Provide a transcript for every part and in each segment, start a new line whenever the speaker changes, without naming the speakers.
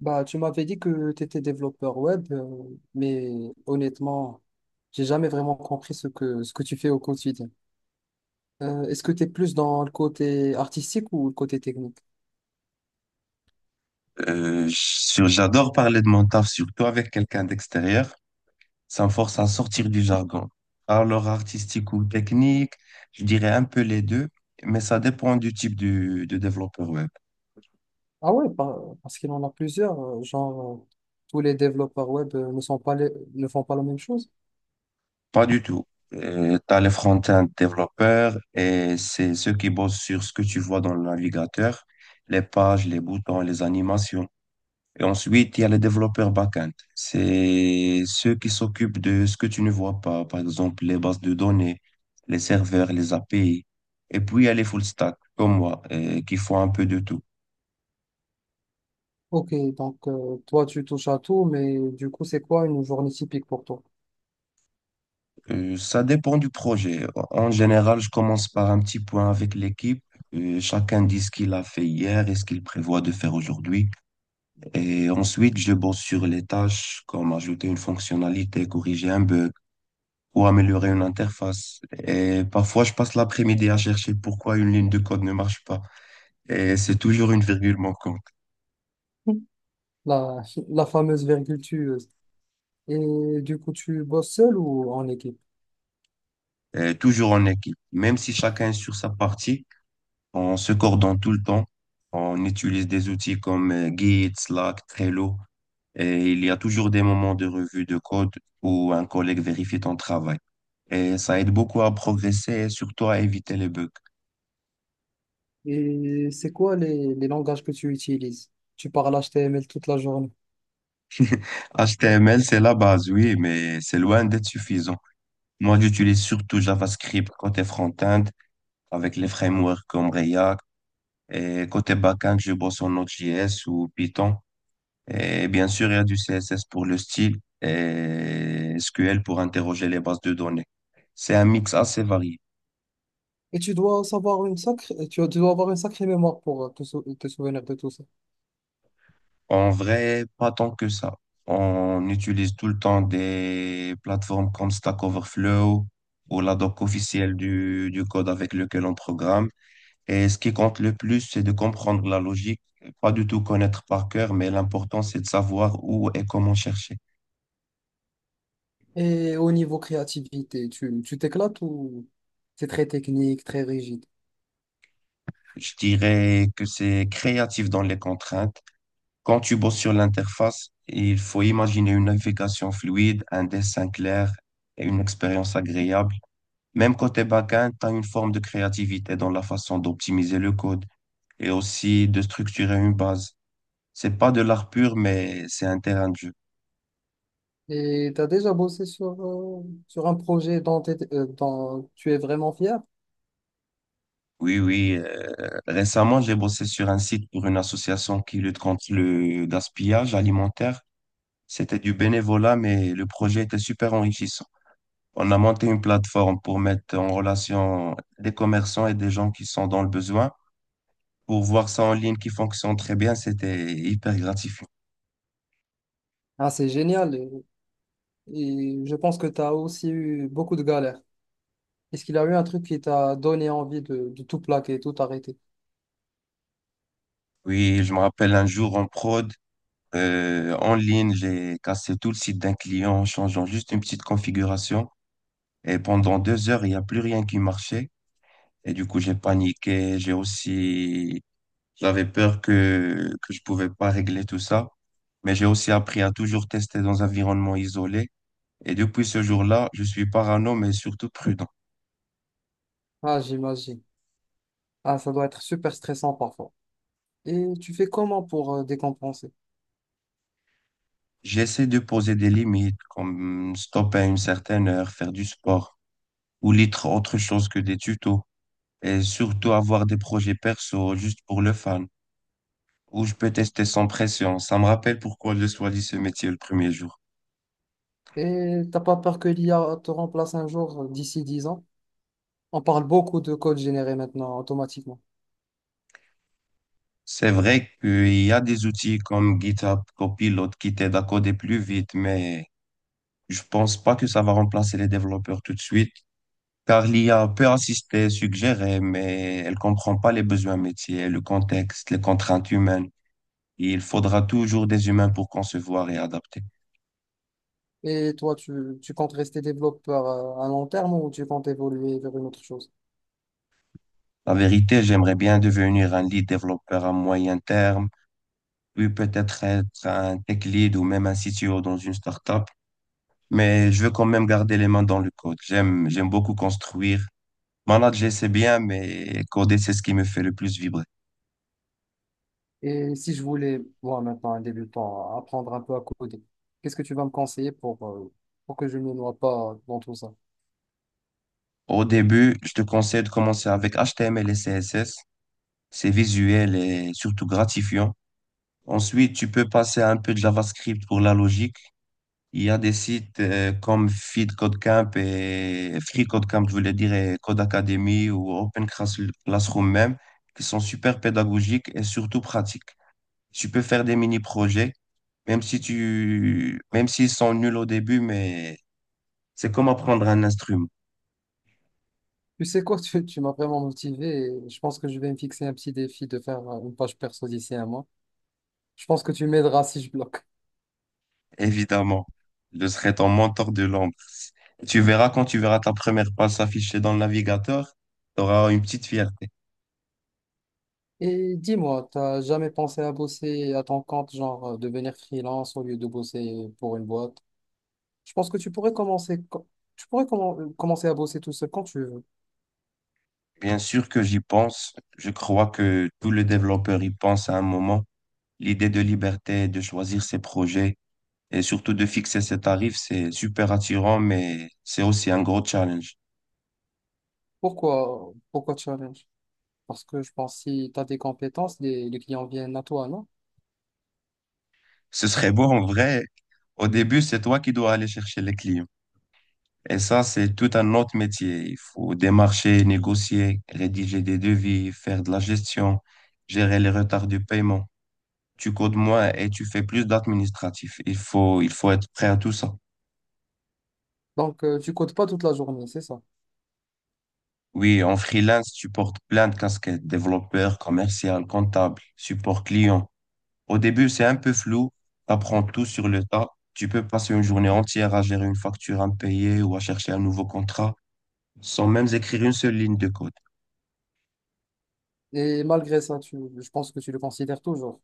Tu m'avais dit que tu étais développeur web, mais honnêtement, j'ai jamais vraiment compris ce que tu fais au quotidien. Est-ce que tu es plus dans le côté artistique ou le côté technique?
J'adore parler de mon taf, surtout avec quelqu'un d'extérieur. Ça me force à sortir du jargon. Alors artistique ou technique, je dirais un peu les deux, mais ça dépend de développeur web.
Ah ouais, parce qu'il en a plusieurs. Genre, tous les développeurs web ne font pas la même chose.
Pas du tout. Tu as les front-end développeurs et c'est ceux qui bossent sur ce que tu vois dans le navigateur, les pages, les boutons, les animations. Et ensuite, il y a les développeurs back-end. C'est ceux qui s'occupent de ce que tu ne vois pas, par exemple les bases de données, les serveurs, les API. Et puis, il y a les full stack, comme moi, qui font un peu de tout.
Ok, donc toi, tu touches à tout, mais du coup, c'est quoi une journée typique pour toi?
Ça dépend du projet. En général, je commence par un petit point avec l'équipe. Chacun dit ce qu'il a fait hier et ce qu'il prévoit de faire aujourd'hui. Et ensuite, je bosse sur les tâches, comme ajouter une fonctionnalité, corriger un bug ou améliorer une interface. Et parfois, je passe l'après-midi à chercher pourquoi une ligne de code ne marche pas. Et c'est toujours une virgule manquante.
La, la fameuse virgule tueuse. Et du coup, tu bosses seul ou en équipe?
Et toujours en équipe. Même si chacun est sur sa partie, on se coordonne tout le temps. On utilise des outils comme Git, Slack, Trello. Et il y a toujours des moments de revue de code où un collègue vérifie ton travail. Et ça aide beaucoup à progresser et surtout à éviter les bugs.
Et c'est quoi les langages que tu utilises? Tu parles HTML toute la journée.
HTML, c'est la base, oui, mais c'est loin d'être suffisant. Moi, j'utilise surtout JavaScript côté front-end avec les frameworks comme React. Et côté back-end, je bosse en Node.js ou Python. Et bien sûr, il y a du CSS pour le style et SQL pour interroger les bases de données. C'est un mix assez varié.
Et tu dois savoir une sacrée, tu dois avoir une sacrée mémoire pour te souvenir de tout ça.
En vrai, pas tant que ça. On utilise tout le temps des plateformes comme Stack Overflow ou la doc officielle du code avec lequel on programme. Et ce qui compte le plus, c'est de comprendre la logique, pas du tout connaître par cœur, mais l'important, c'est de savoir où et comment chercher.
Et au niveau créativité, tu t'éclates ou c'est très technique, très rigide?
Je dirais que c'est créatif dans les contraintes. Quand tu bosses sur l'interface, il faut imaginer une navigation fluide, un dessin clair et une expérience agréable. Même côté backend, tu as une forme de créativité dans la façon d'optimiser le code et aussi de structurer une base. C'est pas de l'art pur, mais c'est un terrain de jeu.
Et tu as déjà bossé sur, sur un projet dont, dont tu es vraiment fier?
Oui, oui. Récemment, j'ai bossé sur un site pour une association qui lutte contre le gaspillage alimentaire. C'était du bénévolat, mais le projet était super enrichissant. On a monté une plateforme pour mettre en relation des commerçants et des gens qui sont dans le besoin. Pour voir ça en ligne qui fonctionne très bien, c'était hyper gratifiant.
Ah, c'est génial. Et je pense que tu as aussi eu beaucoup de galères. Est-ce qu'il a eu un truc qui t'a donné envie de tout plaquer, tout arrêter?
Oui, je me rappelle un jour en prod, en ligne, j'ai cassé tout le site d'un client en changeant juste une petite configuration. Et pendant 2 heures, il n'y a plus rien qui marchait. Et du coup, j'ai paniqué. J'ai aussi, j'avais peur que je pouvais pas régler tout ça. Mais j'ai aussi appris à toujours tester dans un environnement isolé. Et depuis ce jour-là, je suis parano, mais surtout prudent.
Ah, j'imagine. Ah, ça doit être super stressant parfois. Et tu fais comment pour décompenser?
J'essaie de poser des limites, comme stopper à une certaine heure, faire du sport, ou lire autre chose que des tutos. Et surtout avoir des projets perso juste pour le fun, où je peux tester sans pression. Ça me rappelle pourquoi je choisi ce métier le premier jour.
Et t'as pas peur que l'IA te remplace un jour d'ici 10 ans? On parle beaucoup de code généré maintenant automatiquement.
C'est vrai qu'il y a des outils comme GitHub Copilot qui t'aident à coder plus vite, mais je pense pas que ça va remplacer les développeurs tout de suite, car l'IA peut assister, suggérer, mais elle comprend pas les besoins métiers, le contexte, les contraintes humaines. Il faudra toujours des humains pour concevoir et adapter.
Et toi, tu comptes rester développeur à long terme ou tu comptes évoluer vers une autre chose?
La vérité, j'aimerais bien devenir un lead développeur à moyen terme, puis peut-être être un tech lead ou même un CTO dans une startup. Mais je veux quand même garder les mains dans le code. J'aime beaucoup construire. Manager, c'est bien, mais coder, c'est ce qui me fait le plus vibrer.
Et si je voulais, moi maintenant, un débutant, apprendre un peu à coder, qu'est-ce que tu vas me conseiller pour que je ne me noie pas dans tout ça?
Au début, je te conseille de commencer avec HTML et CSS. C'est visuel et surtout gratifiant. Ensuite, tu peux passer à un peu de JavaScript pour la logique. Il y a des sites comme Feed Code Camp et Free Code Camp, je voulais dire, et Code Academy ou Classroom même, qui sont super pédagogiques et surtout pratiques. Tu peux faire des mini-projets, même si tu, même s'ils sont nuls au début, mais c'est comme apprendre un instrument.
Tu sais quoi, tu m'as vraiment motivé et je pense que je vais me fixer un petit défi de faire une page perso d'ici un mois. Je pense que tu m'aideras si je bloque.
Évidemment. Je serai ton mentor de l'ombre. Tu verras quand tu verras ta première page s'afficher dans le navigateur, tu auras une petite fierté.
Et dis-moi, t'as jamais pensé à bosser à ton compte, genre devenir freelance au lieu de bosser pour une boîte? Je pense que tu pourrais tu pourrais commencer à bosser tout seul quand tu veux.
Bien sûr que j'y pense. Je crois que tout le développeur y pense à un moment. L'idée de liberté, de choisir ses projets et surtout de fixer ses tarifs, c'est super attirant, mais c'est aussi un gros challenge.
Pourquoi challenge? Parce que je pense que si tu as des compétences, les clients viennent à toi, non?
Ce serait beau en vrai. Au début, c'est toi qui dois aller chercher les clients. Et ça, c'est tout un autre métier. Il faut démarcher, négocier, rédiger des devis, faire de la gestion, gérer les retards de paiement. Tu codes moins et tu fais plus d'administratif. Il faut être prêt à tout ça.
Donc, tu codes pas toute la journée, c'est ça.
Oui, en freelance, tu portes plein de casquettes, développeur, commercial, comptable, support client. Au début, c'est un peu flou. Tu apprends tout sur le tas. Tu peux passer une journée entière à gérer une facture impayée ou à chercher un nouveau contrat sans même écrire une seule ligne de code.
Et malgré ça, je pense que tu le considères toujours.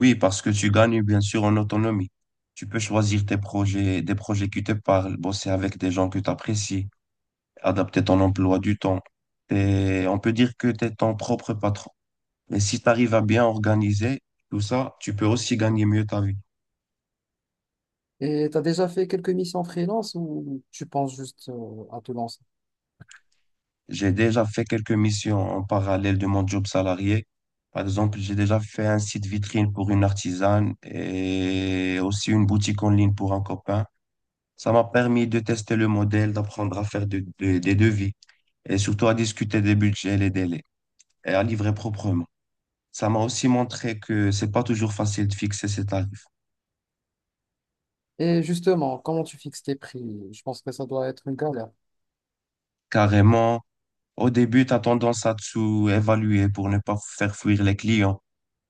Oui, parce que tu gagnes bien sûr en autonomie. Tu peux choisir tes projets, des projets qui te parlent, bosser avec des gens que tu apprécies, adapter ton emploi du temps. Et on peut dire que tu es ton propre patron. Mais si tu arrives à bien organiser tout ça, tu peux aussi gagner mieux ta vie.
Et tu as déjà fait quelques missions freelance ou tu penses juste à te lancer?
J'ai déjà fait quelques missions en parallèle de mon job salarié. Par exemple, j'ai déjà fait un site vitrine pour une artisane et aussi une boutique en ligne pour un copain. Ça m'a permis de tester le modèle, d'apprendre à faire des devis et surtout à discuter des budgets, les délais et à livrer proprement. Ça m'a aussi montré que c'est pas toujours facile de fixer ses tarifs.
Et justement, comment tu fixes tes prix? Je pense que ça doit être une galère.
Carrément, au début, tu as tendance à te sous-évaluer pour ne pas faire fuir les clients,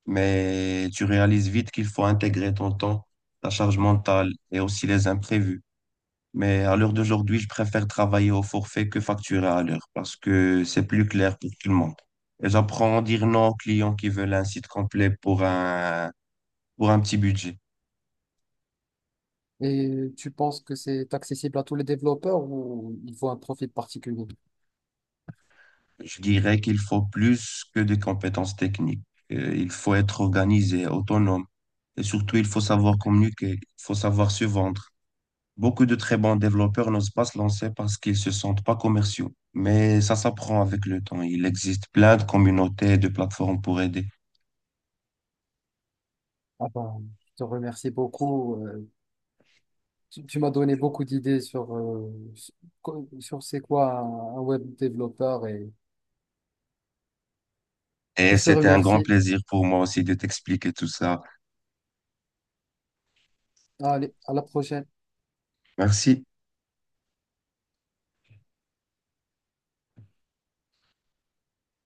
mais tu réalises vite qu'il faut intégrer ton temps, ta charge mentale et aussi les imprévus. Mais à l'heure d'aujourd'hui, je préfère travailler au forfait que facturer à l'heure parce que c'est plus clair pour tout le monde. Et j'apprends à dire non aux clients qui veulent un site complet pour pour un petit budget.
Et tu penses que c'est accessible à tous les développeurs ou il faut un profil particulier?
Je dirais qu'il faut plus que des compétences techniques. Il faut être organisé, autonome. Et surtout, il faut savoir communiquer, il faut savoir se vendre. Beaucoup de très bons développeurs n'osent pas se lancer parce qu'ils se sentent pas commerciaux. Mais ça s'apprend avec le temps. Il existe plein de communautés et de plateformes pour aider.
Ah ben, je te remercie beaucoup. Tu m'as donné beaucoup d'idées sur, sur c'est quoi un web développeur et
Et
je te
c'était un grand
remercie.
plaisir pour moi aussi de t'expliquer tout ça.
Allez, à la prochaine.
Merci.